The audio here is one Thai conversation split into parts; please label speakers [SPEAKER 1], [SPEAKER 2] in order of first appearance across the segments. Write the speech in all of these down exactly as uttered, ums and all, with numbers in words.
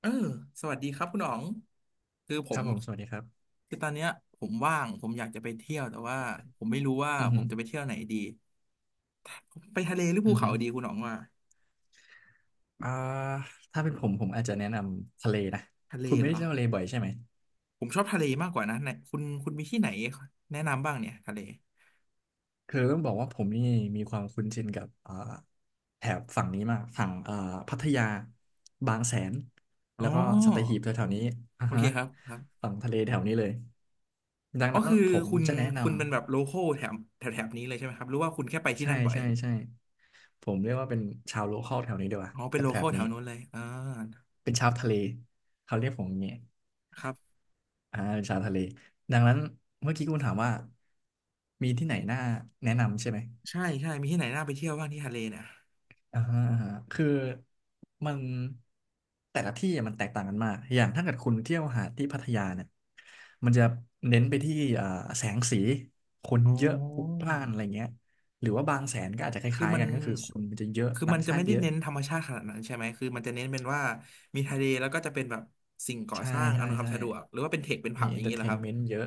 [SPEAKER 1] เออสวัสดีครับคุณอ๋อง คือผ
[SPEAKER 2] ครั
[SPEAKER 1] ม
[SPEAKER 2] บผมสวัสดีครับ
[SPEAKER 1] คือตอนเนี้ยผมว่าง ผมอยากจะไปเที่ยวแต่ว่าผมไม่รู้ว่า
[SPEAKER 2] อือ
[SPEAKER 1] ผ
[SPEAKER 2] หื
[SPEAKER 1] ม
[SPEAKER 2] อ
[SPEAKER 1] จะไปเที่ยวไหนดี ไปทะเลหรือภู
[SPEAKER 2] อือ
[SPEAKER 1] เขา
[SPEAKER 2] หือ
[SPEAKER 1] ดีคุณอ๋องว่า
[SPEAKER 2] อ่าถ้าเป็นผมผมอาจจะแนะนำทะเลนะ
[SPEAKER 1] ทะเล
[SPEAKER 2] คุณไม่
[SPEAKER 1] เหร
[SPEAKER 2] ได้
[SPEAKER 1] อ
[SPEAKER 2] เที่ยวทะเลบ่อยใช่ไหม
[SPEAKER 1] ผมชอบทะเลมากกว่านะไหนคุณคุณมีที่ไหนแนะนำบ้างเนี่ยทะเล
[SPEAKER 2] คือต้องบอกว่าผมนี่มีความคุ้นชินกับอ่าแถบฝั่งนี้มากฝั่งอ่าพัทยาบางแสน
[SPEAKER 1] อ๋
[SPEAKER 2] แล้ว
[SPEAKER 1] อ
[SPEAKER 2] ก็สัตหีบแถวๆนี้อ่า
[SPEAKER 1] โอเค
[SPEAKER 2] ฮะ
[SPEAKER 1] ครับครับ
[SPEAKER 2] ฝั่งทะเลแถวนี้เลยดัง
[SPEAKER 1] อ๋อ
[SPEAKER 2] นั้น
[SPEAKER 1] คือ
[SPEAKER 2] ผม
[SPEAKER 1] คุณ
[SPEAKER 2] จะแนะนำ
[SPEAKER 1] คุณเป็นแบบโลคอลแถบแถบแถบนี้เลยใช่ไหมครับหรือว่าคุณแค่ไปที่
[SPEAKER 2] ใช่
[SPEAKER 1] นั่นบ่อย
[SPEAKER 2] ใช่ใช่ผมเรียกว่าเป็นชาวโลคอลแถวนี้ดีกว่า
[SPEAKER 1] อ๋อ
[SPEAKER 2] แถ
[SPEAKER 1] เป็นโล
[SPEAKER 2] บแถ
[SPEAKER 1] คอ
[SPEAKER 2] บ
[SPEAKER 1] ลแถ
[SPEAKER 2] นี้
[SPEAKER 1] วนู้นเลยอ่า
[SPEAKER 2] เป็นชาวทะเลเขาเรียกผมอย่างนี้
[SPEAKER 1] ครับ
[SPEAKER 2] อ่าเป็นชาทะเลดังนั้นเมื่อกี้คุณถามว่ามีที่ไหนน่าแนะนำใช่ไหม
[SPEAKER 1] ใช่ใช่มีที่ไหนน่าไปเที่ยวบ้างที่ทะเลเนี่ย
[SPEAKER 2] อ่าฮะอ่าฮะคือมันแต่ละที่มันแตกต่างกันมากอย่างถ้าเกิดคุณเที่ยวหาดที่พัทยาเนี่ยมันจะเน้นไปที่อ่าแสงสีคน
[SPEAKER 1] อ๋
[SPEAKER 2] เยอะพลุกพ
[SPEAKER 1] อ
[SPEAKER 2] ล่านอะไรเงี้ยหรือว่าบางแสนก็อาจจะค
[SPEAKER 1] คือ
[SPEAKER 2] ล้าย
[SPEAKER 1] มั
[SPEAKER 2] ๆ
[SPEAKER 1] น
[SPEAKER 2] กันก็คือคนมันจะเยอะ
[SPEAKER 1] คือ
[SPEAKER 2] ต่า
[SPEAKER 1] มั
[SPEAKER 2] ง
[SPEAKER 1] นจะ
[SPEAKER 2] ชา
[SPEAKER 1] ไม่
[SPEAKER 2] ติ
[SPEAKER 1] ได้
[SPEAKER 2] เยอะ
[SPEAKER 1] เน้นธรรมชาติขนาดนั้นใช่ไหมคือมันจะเน้นเป็นว่ามีทะเลแล้วก็จะเป็นแบบสิ่งก่อ
[SPEAKER 2] ใช่
[SPEAKER 1] สร้าง
[SPEAKER 2] ใช่
[SPEAKER 1] อำนวยความ
[SPEAKER 2] ใช่
[SPEAKER 1] สะดวกหรือว่าเป็นเทคเป็นผั
[SPEAKER 2] มี
[SPEAKER 1] บอ
[SPEAKER 2] เอ
[SPEAKER 1] ย่า
[SPEAKER 2] น
[SPEAKER 1] ง
[SPEAKER 2] เตอ
[SPEAKER 1] นี้
[SPEAKER 2] ร์
[SPEAKER 1] เห
[SPEAKER 2] เท
[SPEAKER 1] รอค
[SPEAKER 2] น
[SPEAKER 1] รับ
[SPEAKER 2] เมนต์เยอะ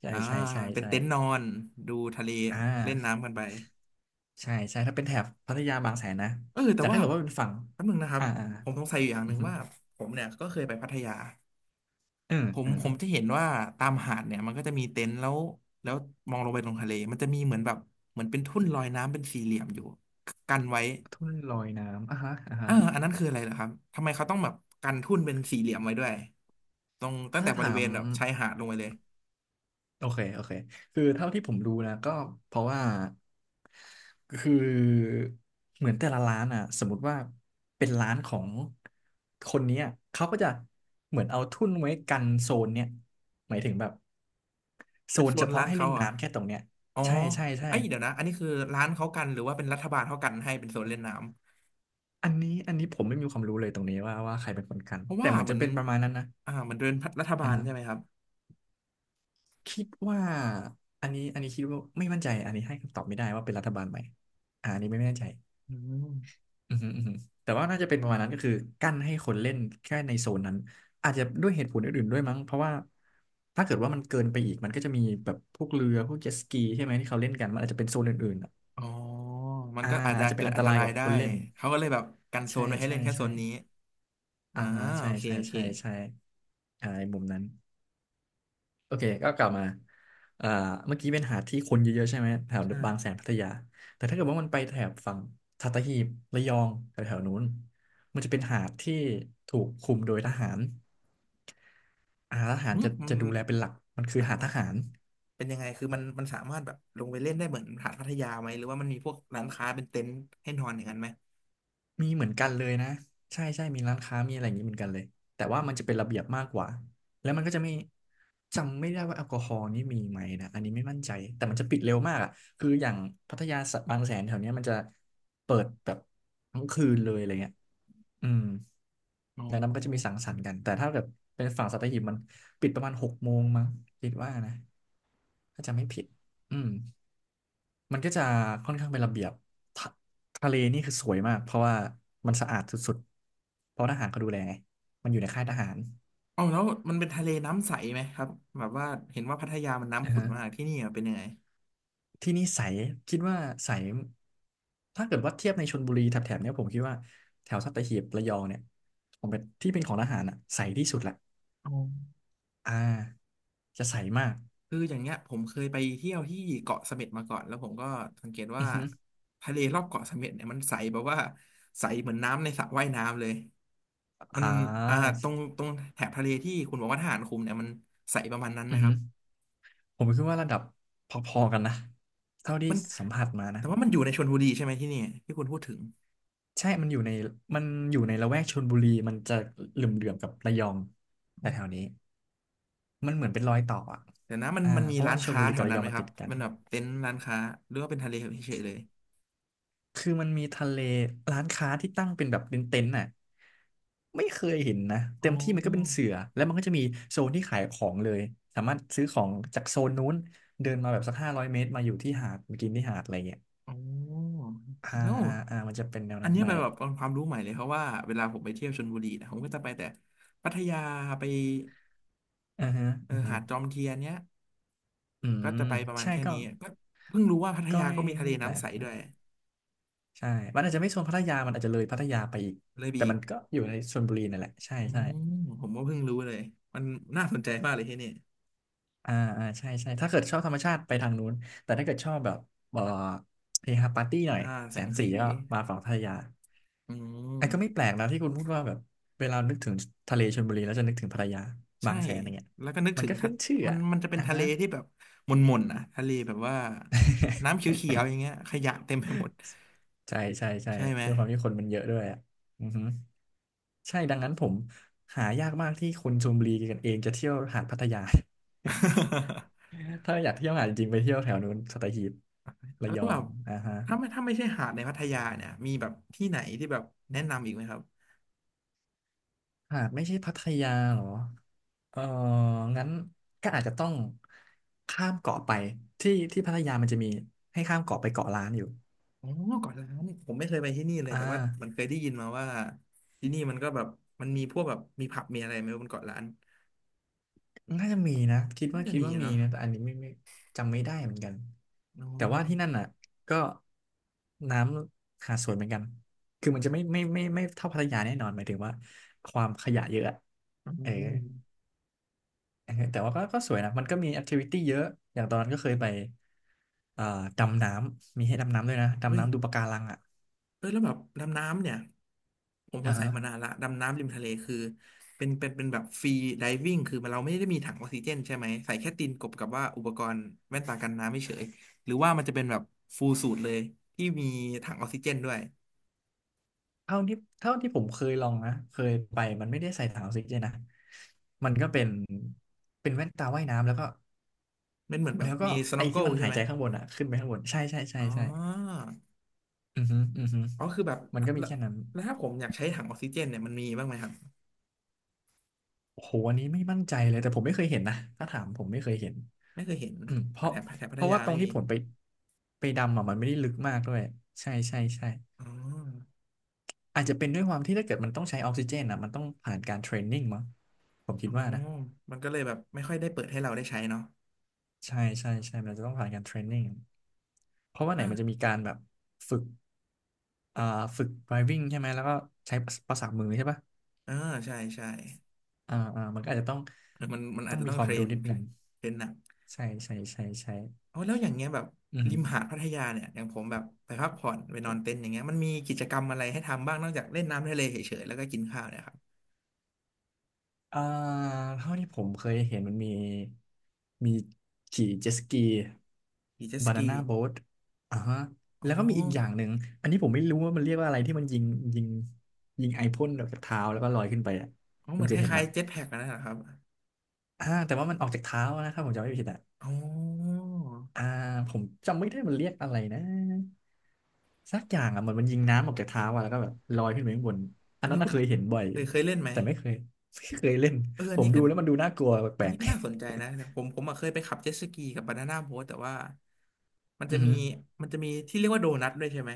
[SPEAKER 2] ใช่
[SPEAKER 1] อ่า
[SPEAKER 2] ใช่ใช่
[SPEAKER 1] เป็น
[SPEAKER 2] ใช่
[SPEAKER 1] เต็นท์นอนดูทะเล
[SPEAKER 2] อ่
[SPEAKER 1] เล่นน้ำ
[SPEAKER 2] า
[SPEAKER 1] กันไป
[SPEAKER 2] ใช่ใช่ถ้าเป็นแถบพัทยาบางแสนนะ
[SPEAKER 1] เออแต่
[SPEAKER 2] แต่ถ้า
[SPEAKER 1] ว่า
[SPEAKER 2] เกิดว่าเป็นฝั่ง
[SPEAKER 1] แป๊บนึงนะครับ
[SPEAKER 2] อ่าอ่า
[SPEAKER 1] ผมสงสัยอยู่อย่าง
[SPEAKER 2] อื
[SPEAKER 1] ห
[SPEAKER 2] อ
[SPEAKER 1] นึ่ง
[SPEAKER 2] ฮึ
[SPEAKER 1] ว่าผมเนี่ยก็เคยไปพัทยา
[SPEAKER 2] เออ
[SPEAKER 1] ผม
[SPEAKER 2] เออ
[SPEAKER 1] ผมจะเห็นว่าตามหาดเนี่ยมันก็จะมีเต็นท์แล้วแล้วมองลงไปตรงทะเลมันจะมีเหมือนแบบเหมือนเป็นทุ่นลอยน้ำเป็นสี่เหลี่ยมอยู่กันไว้
[SPEAKER 2] ทุ่นลอยน้ำอ่ะฮะอ่ะ
[SPEAKER 1] เอ
[SPEAKER 2] ฮะ
[SPEAKER 1] ออันนั้นคืออะไรเหรอครับทำไมเขาต้องแบบกันทุ่นเป็นสี่เหลี่ยมไว้ด้วยตรงตั้ง
[SPEAKER 2] ถ้า
[SPEAKER 1] แต่บริ
[SPEAKER 2] ถา
[SPEAKER 1] เว
[SPEAKER 2] ม
[SPEAKER 1] ณแบบชายหาดลงไปเลย
[SPEAKER 2] โอเคโอเคคือเท่าที่ผมรู้นะก็เพราะว่าคือเหมือนแต่ละร้านอ่ะสมมติว่าเป็นร้านของคนเนี้ยเขาก็จะเหมือนเอาทุ่นไว้กันโซนเนี้ยหมายถึงแบบโซ
[SPEAKER 1] เป็น
[SPEAKER 2] น
[SPEAKER 1] โซ
[SPEAKER 2] เฉ
[SPEAKER 1] น
[SPEAKER 2] พาะ
[SPEAKER 1] ร้าน
[SPEAKER 2] ให้
[SPEAKER 1] เขา
[SPEAKER 2] เล่น
[SPEAKER 1] เหรอ่ะ
[SPEAKER 2] น้ำแค่ตรงเนี้ย
[SPEAKER 1] อ๋อ
[SPEAKER 2] ใช่ใช่ใช่
[SPEAKER 1] ไอ้ยเดี๋ยวนะอันนี้คือร้านเขากันหรือว่าเป็นรัฐบาลเขากันให้เป็นโซนเล่นน้ำ
[SPEAKER 2] อันนี้อันนี้ผมไม่มีความรู้เลยตรงนี้ว่าว่าใครเป็นคนกัน
[SPEAKER 1] เพราะ
[SPEAKER 2] แต่
[SPEAKER 1] ว่า
[SPEAKER 2] เหมือน
[SPEAKER 1] เหมื
[SPEAKER 2] จะ
[SPEAKER 1] อน
[SPEAKER 2] เป็นประมาณนั้นนะ
[SPEAKER 1] อ่าเหมันเดินรัฐบาลใช่ไหม
[SPEAKER 2] อ่า
[SPEAKER 1] ครับ
[SPEAKER 2] คิดว่าอันนี้อันนี้คิดว่าไม่มั่นใจอันนี้ให้คำตอบไม่ได้ว่าเป็นรัฐบาลไหมอ่าอันนี้ไม่แน่ใจ
[SPEAKER 1] อืม
[SPEAKER 2] อือฮึอือฮึแต่ว่าน่าจะเป็นประมาณนั้นก็คือกั้นให้คนเล่นแค่ในโซนนั้นอาจจะด้วยเหตุผลอื่นๆด้วยมั้งเพราะว่าถ้าเกิดว่ามันเกินไปอีกมันก็จะมีแบบพวกเรือพวกเจ็ตสกีใช่ไหมที่เขาเล่นกันมันอาจจะเป็นโซนอื่นๆอะ
[SPEAKER 1] อ๋อมัน
[SPEAKER 2] อ่า
[SPEAKER 1] ก็อาจจะ
[SPEAKER 2] อาจจะเป็
[SPEAKER 1] เกิ
[SPEAKER 2] น
[SPEAKER 1] ด
[SPEAKER 2] อัน
[SPEAKER 1] อั
[SPEAKER 2] ต
[SPEAKER 1] นต
[SPEAKER 2] ราย
[SPEAKER 1] ราย
[SPEAKER 2] กับ
[SPEAKER 1] ได้
[SPEAKER 2] คนเล่น
[SPEAKER 1] เขาก็เลยแบบกันโซ
[SPEAKER 2] ใช่
[SPEAKER 1] นไว้ให้
[SPEAKER 2] ใช่
[SPEAKER 1] เล่นแค่โซ
[SPEAKER 2] ใช่
[SPEAKER 1] นนี้
[SPEAKER 2] อ่า
[SPEAKER 1] อ่า
[SPEAKER 2] ฮะ
[SPEAKER 1] โอ
[SPEAKER 2] ใช่
[SPEAKER 1] เค
[SPEAKER 2] ใช่
[SPEAKER 1] โอเค
[SPEAKER 2] ใช่ใช่อ่าในมุมนั้น โอเคก็กลับมาอ่าเมื่อกี้เป็นหาดที่คนเยอะๆใช่ไหม แถว
[SPEAKER 1] ใช่
[SPEAKER 2] บางแสนพัทยา แต่ถ้าเกิดว่ามันไปแถบฝั่งสัตหีบระยองแถวๆนู้นมันจะเป็นหาดที่ถูกคุมโดยทหารอาทหา
[SPEAKER 1] อื
[SPEAKER 2] ร
[SPEAKER 1] ม
[SPEAKER 2] จะ
[SPEAKER 1] มั
[SPEAKER 2] จะดูแลเป็นหลัก มันคือ
[SPEAKER 1] น
[SPEAKER 2] หาดทหาร
[SPEAKER 1] เป็นยังไงคือมันมันสามารถแบบลงไปเล่นได้เหมือนหาดพัทยาไหมหรือว่ามันมีพวกร้านค้าเป็นเต็นท์ให้นอนอย่างนั้นไหม
[SPEAKER 2] มีเหมือนกันเลยนะใช่ใช่มีร้านค้ามีอะไรอย่างนี้เหมือนกันเลยแต่ว่ามันจะเป็นระเบียบมากกว่าแล้วมันก็จะไม่จำไม่ได้ว่าแอลกอฮอล์นี่มีไหมนะอันนี้ไม่มั่นใจแต่มันจะปิดเร็วมากอ่ะคืออย่างพัทยาสะบางแสนแถวเนี้ยมันจะเปิดแบบทั้งคืนเลยอะไรเงี้ยอืม
[SPEAKER 1] อ๋อ
[SPEAKER 2] ดังนั้นมันก็จะมีสังสรรค์กันแต่ถ้าแบบเป็นฝั่งสัตหีบมันปิดประมาณหกโมงมั้งคิดว่านะถ้าจำไม่ผิด อืมมันก็จะค่อนข้างเป็นระเบียบทะทะเลนี่คือสวยมากเพราะว่ามันสะอาดสุดๆเพราะทหารเขาดูแลไงมันอยู่ในค่ายทหาร
[SPEAKER 1] เอาแล้วมันเป็นทะเลน้ำใสไหมครับแบบว่าเห็นว่าพัทยามัน
[SPEAKER 2] อ่า
[SPEAKER 1] น้ำขุ่น
[SPEAKER 2] ฮะ
[SPEAKER 1] มากที่นี่อะเป็นยังไง
[SPEAKER 2] ที่นี่ใสคิดว่าใสถ้าเกิดว่าเทียบในชลบุรีแถบๆเนี้ยผมคิดว่าแถวสัตหีบระยองเนี่ยผมเป็นที่เป็นของทหารอ่ะใสที่สุดแหละ
[SPEAKER 1] อ๋อ
[SPEAKER 2] อ่าจะใสมาก
[SPEAKER 1] คืออย่างเงี้ยผมเคยไปเที่ยวที่เกาะเสม็ดมาก่อนแล้วผมก็สังเกต
[SPEAKER 2] อื
[SPEAKER 1] ว่า
[SPEAKER 2] อฮึ
[SPEAKER 1] ทะเลรอบเกาะเสม็ดเนี่ยมันใสแบบว่าใสเหมือนน้ำในสระว่ายน้ำเลยมั
[SPEAKER 2] อ่
[SPEAKER 1] นอ่า
[SPEAKER 2] า
[SPEAKER 1] ตรงตรงแถบทะเลที่คุณบอกว่าทหารคุมเนี่ยมันใสประมาณนั้นไหม
[SPEAKER 2] อือ
[SPEAKER 1] ค
[SPEAKER 2] ฮึ
[SPEAKER 1] รับ
[SPEAKER 2] ผมคิดว่าระดับพอๆกันนะเท่าที่สัมผัสมานะ
[SPEAKER 1] แต่ว่ามันอยู่ในชลบุรีใช่ไหมที่นี่ที่คุณพูดถึง
[SPEAKER 2] ใช่ มันอยู่ในมันอยู่ในละแวกชลบุรีมันจะเหลื่อมๆกับระยองแต่แถวนี้มันเหมือนเป็นรอยต่ออ่ะ
[SPEAKER 1] เดี๋ยวนะมัน
[SPEAKER 2] อ่า
[SPEAKER 1] มันมี
[SPEAKER 2] เพราะ
[SPEAKER 1] ร้า
[SPEAKER 2] ว่า
[SPEAKER 1] น
[SPEAKER 2] ชล
[SPEAKER 1] ค้า
[SPEAKER 2] บุรี
[SPEAKER 1] แถ
[SPEAKER 2] กั
[SPEAKER 1] ว
[SPEAKER 2] บระ
[SPEAKER 1] นั้
[SPEAKER 2] ย
[SPEAKER 1] น
[SPEAKER 2] อ
[SPEAKER 1] ไห
[SPEAKER 2] ง
[SPEAKER 1] ม
[SPEAKER 2] มัน
[SPEAKER 1] ครั
[SPEAKER 2] ติ
[SPEAKER 1] บ
[SPEAKER 2] ดกัน
[SPEAKER 1] มันแบบเต็นท์ร้านค้าหรือว่าเป็นทะเลเฉยๆเลย
[SPEAKER 2] คือมันมีทะเลร้านค้าที่ตั้งเป็นแบบเป็นเต็นท์น่ะไม่เคยเห็นนะ
[SPEAKER 1] อ๋
[SPEAKER 2] เต็มที่มันก็เป็น
[SPEAKER 1] อ
[SPEAKER 2] เสือแล้วมันก็จะมีโซนที่ขายของเลยสามารถซื้อของจากโซนนู้นเดินมาแบบสักห้าร้อยเมตรมาอยู่ที่หาดมากินที่หาดอะไรเงี้ย
[SPEAKER 1] อ๋อ
[SPEAKER 2] อ่า
[SPEAKER 1] เน
[SPEAKER 2] อ่าอ่ามันจะเป็นแนว
[SPEAKER 1] อัน
[SPEAKER 2] นั้น
[SPEAKER 1] นี้
[SPEAKER 2] ไป
[SPEAKER 1] เป็นแบบเป็นความรู้ใหม่เลยเพราะว่าเวลาผมไปเที่ยวชลบุรีนะผมก็จะไปแต่พัทยาไป
[SPEAKER 2] อือฮะ
[SPEAKER 1] เออ
[SPEAKER 2] อือฮะ
[SPEAKER 1] หาดจอมเทียนเนี้ย
[SPEAKER 2] อื
[SPEAKER 1] ก็
[SPEAKER 2] ม
[SPEAKER 1] จะไปประมาณ
[SPEAKER 2] ใช่
[SPEAKER 1] แค่
[SPEAKER 2] ก็
[SPEAKER 1] นี้ก็เพิ่งรู้ว่าพัท
[SPEAKER 2] ก็
[SPEAKER 1] ยา
[SPEAKER 2] ไม่
[SPEAKER 1] ก็มีทะเล
[SPEAKER 2] ไม่แปล
[SPEAKER 1] น้ำใส
[SPEAKER 2] กเล
[SPEAKER 1] ด้
[SPEAKER 2] ย
[SPEAKER 1] วย
[SPEAKER 2] ใช่มันอาจจะไม่โซนพัทยามันอาจจะเลยพัทยาไปอีก
[SPEAKER 1] เลยบี
[SPEAKER 2] แต่
[SPEAKER 1] อี
[SPEAKER 2] มั
[SPEAKER 1] ก
[SPEAKER 2] นก็อยู่ในชลบุรีนั่นแหละใช่
[SPEAKER 1] อื
[SPEAKER 2] ใช่
[SPEAKER 1] มผมก็เพิ่งรู้เลยมันน่าสนใจมากเลยที่นี่
[SPEAKER 2] อ่าอ่าใช่ใช่ถ้าเกิดชอบธรรมชาติไปทางนู้นแต่ถ้าเกิดชอบแบบเอ่อเฮฮาปาร์ตี้หน่อย
[SPEAKER 1] อ่าแส
[SPEAKER 2] แส
[SPEAKER 1] ง
[SPEAKER 2] งสี
[SPEAKER 1] สี
[SPEAKER 2] ก็มาฝั่งพัทยา
[SPEAKER 1] อืม
[SPEAKER 2] ไอ้ก็ไม่แปลกนะที่คุณพูดว่าแบบเวลานึกถึงทะเลชลบุรีแล้วจะนึกถึงพัทยาบา
[SPEAKER 1] ใช่
[SPEAKER 2] งแสนอย่างเงี้ย
[SPEAKER 1] แล้วก็นึก
[SPEAKER 2] มัน
[SPEAKER 1] ถึง
[SPEAKER 2] ก็
[SPEAKER 1] ทะ
[SPEAKER 2] ขึ้นชื่อ
[SPEAKER 1] มัน
[SPEAKER 2] อ่ะ
[SPEAKER 1] มันจะเป็น
[SPEAKER 2] อ่ะ
[SPEAKER 1] ทะเล
[SPEAKER 2] ฮะ
[SPEAKER 1] ที่แบบหม่นๆนะทะเลแบบว่าน้ำ เขียวๆอย่างเงี้ยขยะเต็มไปหมด
[SPEAKER 2] ใช่ใช่ใช่
[SPEAKER 1] ใช่ไหม
[SPEAKER 2] ด้วยความที่คนมันเยอะด้วยอ่ะอือฮึใช่ดังนั้นผมหายากมากที่คนชลบุรีกันเองจะเที่ยวหาดพัทยา ถ้าอยากเที่ยวหาดจริงๆไปเที่ยวแถวนู้นสัตหีบระ
[SPEAKER 1] แล้
[SPEAKER 2] ย
[SPEAKER 1] ว
[SPEAKER 2] อ
[SPEAKER 1] แบ
[SPEAKER 2] ง
[SPEAKER 1] บ
[SPEAKER 2] อ่าฮะ
[SPEAKER 1] ถ้าไม่ถ้าไม่ใช่หาดในพัทยาเนี่ยมีแบบที่ไหนที่แบบแนะนำอีกไหมครับ
[SPEAKER 2] หากไม่ใช่พัทยาเหรอเอองั้นก็อาจจะต้องข้ามเกาะไปที่ที่พัทยามันจะมีให้ข้ามเกาะไปเกาะล้านอยู่
[SPEAKER 1] อ๋อเกาะล้านผมไม่เคยไปที่นี่เลย
[SPEAKER 2] อ่
[SPEAKER 1] แต่ว่ามัน
[SPEAKER 2] า
[SPEAKER 1] เคยได้ยินมาว่า ที่นี่มันก็แบบมันมีพวกแบบมีผับ มีอะไรไหมบนเกาะล้าน
[SPEAKER 2] น่าจะมีนะคิด
[SPEAKER 1] น่า
[SPEAKER 2] ว่า
[SPEAKER 1] จะ
[SPEAKER 2] คิด
[SPEAKER 1] มี
[SPEAKER 2] ว่ามี
[SPEAKER 1] เนาะ
[SPEAKER 2] นะแต่อันนี้ไม่ไม่จำไม่ได้เหมือนกัน
[SPEAKER 1] อ๋อ
[SPEAKER 2] แต่ว่าที่นั่นอ่ะก็น้ำหาดสวยเหมือนกันคือมันจะไม่ไม่ไม่ไม่เท่าพัทยาแน่นอนหมายถึงว่าความขยะเยอะอะ
[SPEAKER 1] อ๋
[SPEAKER 2] เออ
[SPEAKER 1] อ
[SPEAKER 2] เออแต่ว่าก็ก็สวยนะมันก็มีแอคทิวิตี้เยอะอย่างตอนนั้นก็เคยไปเอ่อดำน้ำมีให้ดำน้ำด้วยนะ
[SPEAKER 1] เฮ้
[SPEAKER 2] ดำ
[SPEAKER 1] ย
[SPEAKER 2] น้ำดูปะการังอ่ะ
[SPEAKER 1] เออแล้วแบบดำน้ำเนี่ยผมส
[SPEAKER 2] อ่า
[SPEAKER 1] งสัย
[SPEAKER 2] ฮะ
[SPEAKER 1] มานานละดำน้ำริมทะเลคือเป็นเป็นเป็นแบบฟรีไดวิ่งคือมันเราไม่ได้มีถังออกซิเจนใช่ไหมใส่แค่ตีนกบกับว่าอุปกรณ์แว่นตากันน้ำไม่เฉยหรือว่ามันจะเป็นแบบฟูลสูทเลยที่มีถังออกซิเจนด้วย
[SPEAKER 2] เท่าที่เท่าที่ผมเคยลองนะเคยไปมันไม่ได้ใส่ถังออกซิเจนนะมันก็เป็นเป็นแว่นตาว่ายน้ำแล้วก็
[SPEAKER 1] มันเหมือนแบ
[SPEAKER 2] แล้
[SPEAKER 1] บ
[SPEAKER 2] วก็
[SPEAKER 1] มีสโน
[SPEAKER 2] ไอ้
[SPEAKER 1] ว์เกิ
[SPEAKER 2] ที่
[SPEAKER 1] ล
[SPEAKER 2] มัน
[SPEAKER 1] ใช่
[SPEAKER 2] หาย
[SPEAKER 1] ไหม
[SPEAKER 2] ใจข้างบนอ่ะขึ้นไปข้างบนใช่ใช่ใช่
[SPEAKER 1] อ๋
[SPEAKER 2] ใช่
[SPEAKER 1] อ
[SPEAKER 2] อือฮึอือฮึ
[SPEAKER 1] อ๋อคือแบบ
[SPEAKER 2] มันก็มี
[SPEAKER 1] แล้ว
[SPEAKER 2] แค่นั้น
[SPEAKER 1] แล้วถ้าผมอยากใช้ถังออกซิเจนเนี่ยมันมีบ้างไหมครับ
[SPEAKER 2] โอ้โหอันนี้ไม่มั่นใจเลยแต่ผมไม่เคยเห็นนะถ้าถามผมไม่เคยเห็น
[SPEAKER 1] ไม่เคยเห็น
[SPEAKER 2] อืมเพราะ
[SPEAKER 1] แถบแถบพั
[SPEAKER 2] เพ
[SPEAKER 1] ท
[SPEAKER 2] ราะ
[SPEAKER 1] ยา
[SPEAKER 2] ว่าตร
[SPEAKER 1] ไม่
[SPEAKER 2] งที่
[SPEAKER 1] มี
[SPEAKER 2] ผมไปไปดำอ่ะมันไม่ได้ลึกมากด้วยใช่ใช่ใช่
[SPEAKER 1] อ๋อ
[SPEAKER 2] อาจจะเป็นด้วยความที่ถ้าเกิดมันต้องใช้ออกซิเจนอ่ะมันต้องผ่านการเทรนนิ่งมั้งผมคิ
[SPEAKER 1] อ๋
[SPEAKER 2] ด
[SPEAKER 1] อ
[SPEAKER 2] ว่านะ
[SPEAKER 1] มันก็เลยแบบไม่ค่อยได้เปิดให้เราได้ใช้เนาะ
[SPEAKER 2] ใช่ใช่ใช่มันจะต้องผ่านการเทรนนิ่งเพราะว่าไหนมันจะมีการแบบฝึกอ่าฝึก ไดรฟ์วิ่ง ใช่ไหมแล้วก็ใช้ประสาทมือใช่ปะ
[SPEAKER 1] อ่าใช่ใช่
[SPEAKER 2] อ่าอ่ามันก็อาจจะต้อง
[SPEAKER 1] เออมันมันอา
[SPEAKER 2] ต้
[SPEAKER 1] จ
[SPEAKER 2] อง
[SPEAKER 1] จะ
[SPEAKER 2] มี
[SPEAKER 1] ต้อง
[SPEAKER 2] ควา
[SPEAKER 1] เท
[SPEAKER 2] ม
[SPEAKER 1] ร
[SPEAKER 2] รู้
[SPEAKER 1] น
[SPEAKER 2] นิดหนึ่ง
[SPEAKER 1] เทรนหนัก
[SPEAKER 2] ใช่ใช่ใช่ใช่
[SPEAKER 1] เอาแล้วอย่างเงี้ยแบบ
[SPEAKER 2] อืม
[SPEAKER 1] ริมหาดพัทยาเนี่ยอย่างผมแบบไปพักผ่อนไปนอนเต็นท์อย่างเงี้ยมันมีกิจกรรมอะไรให้ทำบ้างนอกจากเล่นน้ำทะเลเฉยๆแล้วก็กินข้าวเนี่ยครับ
[SPEAKER 2] อ่าเท่าที่ผมเคยเห็นมันมีมีขี่เจ็ตสกี
[SPEAKER 1] ขี่เจ็ตส
[SPEAKER 2] บานา
[SPEAKER 1] กี
[SPEAKER 2] น่าโบ๊ทอ่าฮะ
[SPEAKER 1] อ๋อ
[SPEAKER 2] แล้วก็มีอีกอย่างหนึ่งอันนี้ผมไม่รู้ว่ามันเรียกว่าอะไรที่มันยิงยิงยิงไอพ่นออกจากเท้าแล้วก็ลอยขึ้นไปอ่ะ
[SPEAKER 1] อ๋อ
[SPEAKER 2] คุ
[SPEAKER 1] เห
[SPEAKER 2] ณ
[SPEAKER 1] มือน
[SPEAKER 2] เค
[SPEAKER 1] ค
[SPEAKER 2] ยเห็น
[SPEAKER 1] ล้าย
[SPEAKER 2] ปะ
[SPEAKER 1] ๆเจ็ตแพ็กนะครับ
[SPEAKER 2] อ่าแต่ว่ามันออกจากเท้านะครับผมจำไม่ผิดอ่ะ
[SPEAKER 1] อ๋อ
[SPEAKER 2] อ่าผมจำไม่ได้มันเรียกอะไรนะสักอย่างอ่ะเหมือนมันยิงน้ำออกจากเท้าอ่ะแล้วก็แบบลอยขึ้นไปข้างบนอั
[SPEAKER 1] อั
[SPEAKER 2] น
[SPEAKER 1] น
[SPEAKER 2] นั้
[SPEAKER 1] นี้
[SPEAKER 2] นน่ะ
[SPEAKER 1] คุณ
[SPEAKER 2] เคยเห็นบ่อย
[SPEAKER 1] เค
[SPEAKER 2] อยู่
[SPEAKER 1] ยเคยเล่นไหม
[SPEAKER 2] แต่ไม่เคยไม่เคยเล่น
[SPEAKER 1] เอออั
[SPEAKER 2] ผ
[SPEAKER 1] น
[SPEAKER 2] ม
[SPEAKER 1] นี้
[SPEAKER 2] ดู
[SPEAKER 1] ก็
[SPEAKER 2] แล้วมันดูน่ากลัวแป
[SPEAKER 1] อั
[SPEAKER 2] ล
[SPEAKER 1] น
[SPEAKER 2] ก
[SPEAKER 1] นี้ก็น่าสนใจนะแต่ผมผมอะเคยไปขับเจ็ตสกีกับบานาน่าโบ๊ทแต่ว่ามัน
[SPEAKER 2] ๆ
[SPEAKER 1] จะ
[SPEAKER 2] อือ
[SPEAKER 1] มี
[SPEAKER 2] หือ
[SPEAKER 1] มันจะมีที่เรียกว่าโดนัทด้วยใช่ไหม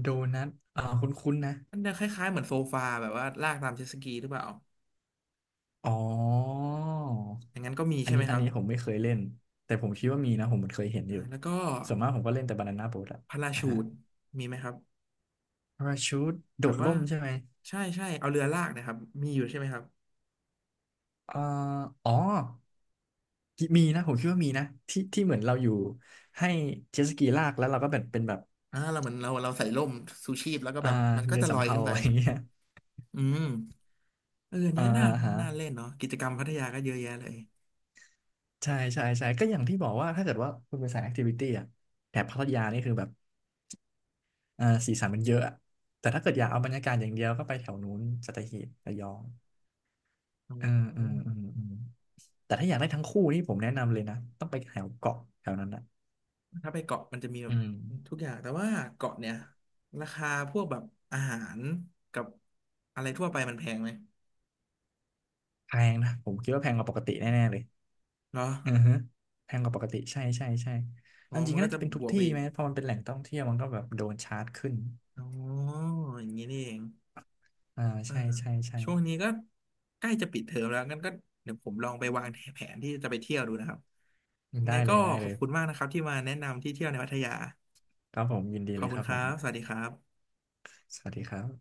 [SPEAKER 2] โดนัทอ่าคุ้นๆนะ
[SPEAKER 1] มันจะคล้ายๆเหมือนโซฟาแบบว่าลากตามเจ็ตสกีหรือเปล่า
[SPEAKER 2] อ๋อ
[SPEAKER 1] อย่างนั้นก็มี
[SPEAKER 2] อัน
[SPEAKER 1] ใช่ไหม
[SPEAKER 2] นี้อั
[SPEAKER 1] ค
[SPEAKER 2] น
[SPEAKER 1] รับ
[SPEAKER 2] นี้ผมไม่เคยเล่นแต่ผมคิดว่ามีนะผมเหมือนเคยเห็นอ
[SPEAKER 1] อ่า
[SPEAKER 2] ยู่
[SPEAKER 1] แล้วก็
[SPEAKER 2] ส่วนมากผมก็เล่นแต่บานาน่าโบ๊ทอะ
[SPEAKER 1] พารา
[SPEAKER 2] อ่า
[SPEAKER 1] ชู
[SPEAKER 2] ฮะ
[SPEAKER 1] ทมีไหมครับ
[SPEAKER 2] พาราชูทโด
[SPEAKER 1] แบบ
[SPEAKER 2] ด
[SPEAKER 1] ว่า
[SPEAKER 2] ร่มใช่ไหม
[SPEAKER 1] ใช่ใช่เอาเรือลากนะครับมีอยู่ใช่ไหมครับ
[SPEAKER 2] อ่าอ๋อ มีนะผมคิดว่ามีนะที่ที่เหมือนเราอยู่ให้เจ็ตสกีลากแล้วเราก็แบบเป็นแบบ
[SPEAKER 1] อ่าเราเหมือนเราเราใส่ร่มชูชีพแล้วก็
[SPEAKER 2] อ่า
[SPEAKER 1] แบบมันก็
[SPEAKER 2] เรือ
[SPEAKER 1] จะล
[SPEAKER 2] สำ
[SPEAKER 1] อย
[SPEAKER 2] เภา
[SPEAKER 1] ขึ้น
[SPEAKER 2] อะ
[SPEAKER 1] ไป
[SPEAKER 2] ไรอย่างเงี้ย
[SPEAKER 1] อืมเอออันนี้
[SPEAKER 2] อ่า
[SPEAKER 1] ก็น่า
[SPEAKER 2] ฮะ
[SPEAKER 1] น่าเล่นเนาะกิจกรรมพัทยาก็เยอะแยะเลย
[SPEAKER 2] ใช่ใช่ใช่ก็อย่างที่บอกว่าถ้าเกิดว่าคุณเป็นสายแอคทิวิตี้อะแถบพัทยานี่คือแบบเอ่อสีสันมันเยอะอะแต่ถ้าเกิดอยากเอาบรรยากาศอย่างเดียวก็ไปแถวนู้นสัตหีบระยอง
[SPEAKER 1] อ
[SPEAKER 2] เออเอ
[SPEAKER 1] ื
[SPEAKER 2] อเออ
[SPEAKER 1] ม
[SPEAKER 2] เออแต่ถ้าอยากได้ทั้งคู่นี่ผมแนะนำเลยนะต้องไปแถวเกาะแถวนั้นนะ
[SPEAKER 1] ถ้าไปเกาะมันจะมีแบบ
[SPEAKER 2] อืม
[SPEAKER 1] ทุกอย่างแต่ว่าเกาะเนี่ยราคาพวกแบบอาหารกับอะไรทั่วไปมันแพงไหม
[SPEAKER 2] แพงนะผมคิดว่าแพงกว่าปกติแน่ๆเลย
[SPEAKER 1] เหรอ
[SPEAKER 2] อือฮะแพงกว่าปกติใช่ใช่ใช่
[SPEAKER 1] อ๋อ
[SPEAKER 2] เอาจริ
[SPEAKER 1] มั
[SPEAKER 2] ง
[SPEAKER 1] น
[SPEAKER 2] ก็
[SPEAKER 1] ก็
[SPEAKER 2] น่า
[SPEAKER 1] จะ
[SPEAKER 2] จะเป็นทุ
[SPEAKER 1] บ
[SPEAKER 2] ก
[SPEAKER 1] วกไป
[SPEAKER 2] ที่
[SPEAKER 1] อี
[SPEAKER 2] ไห
[SPEAKER 1] ก
[SPEAKER 2] มพอมันเป็นแหล่งท่องเที่ยวมันก็แบบโดนชาร์จขึ้น
[SPEAKER 1] อ๋ออย่างนี้นี่เอง
[SPEAKER 2] อ่า
[SPEAKER 1] เออ
[SPEAKER 2] ใช่ใช่ใช่
[SPEAKER 1] ช่วงนี้ก็ใกล้จะปิดเทอมแล้วงั้นก็เดี๋ยวผมลองไปวางแผนที่จะไปเที่ยวดูนะครับยัง
[SPEAKER 2] ได้
[SPEAKER 1] ไง
[SPEAKER 2] เล
[SPEAKER 1] ก็
[SPEAKER 2] ยได้
[SPEAKER 1] ข
[SPEAKER 2] เล
[SPEAKER 1] อบ
[SPEAKER 2] ย
[SPEAKER 1] คุณมากนะครับที่มาแนะนำที่เที่ยวในพัทยา
[SPEAKER 2] ครับผมยินดี
[SPEAKER 1] ขอ
[SPEAKER 2] เล
[SPEAKER 1] บ
[SPEAKER 2] ย
[SPEAKER 1] คุ
[SPEAKER 2] ค
[SPEAKER 1] ณ
[SPEAKER 2] รับ
[SPEAKER 1] ค
[SPEAKER 2] ผ
[SPEAKER 1] รั
[SPEAKER 2] ม
[SPEAKER 1] บสวัสดีครับ
[SPEAKER 2] สวัสดีครับ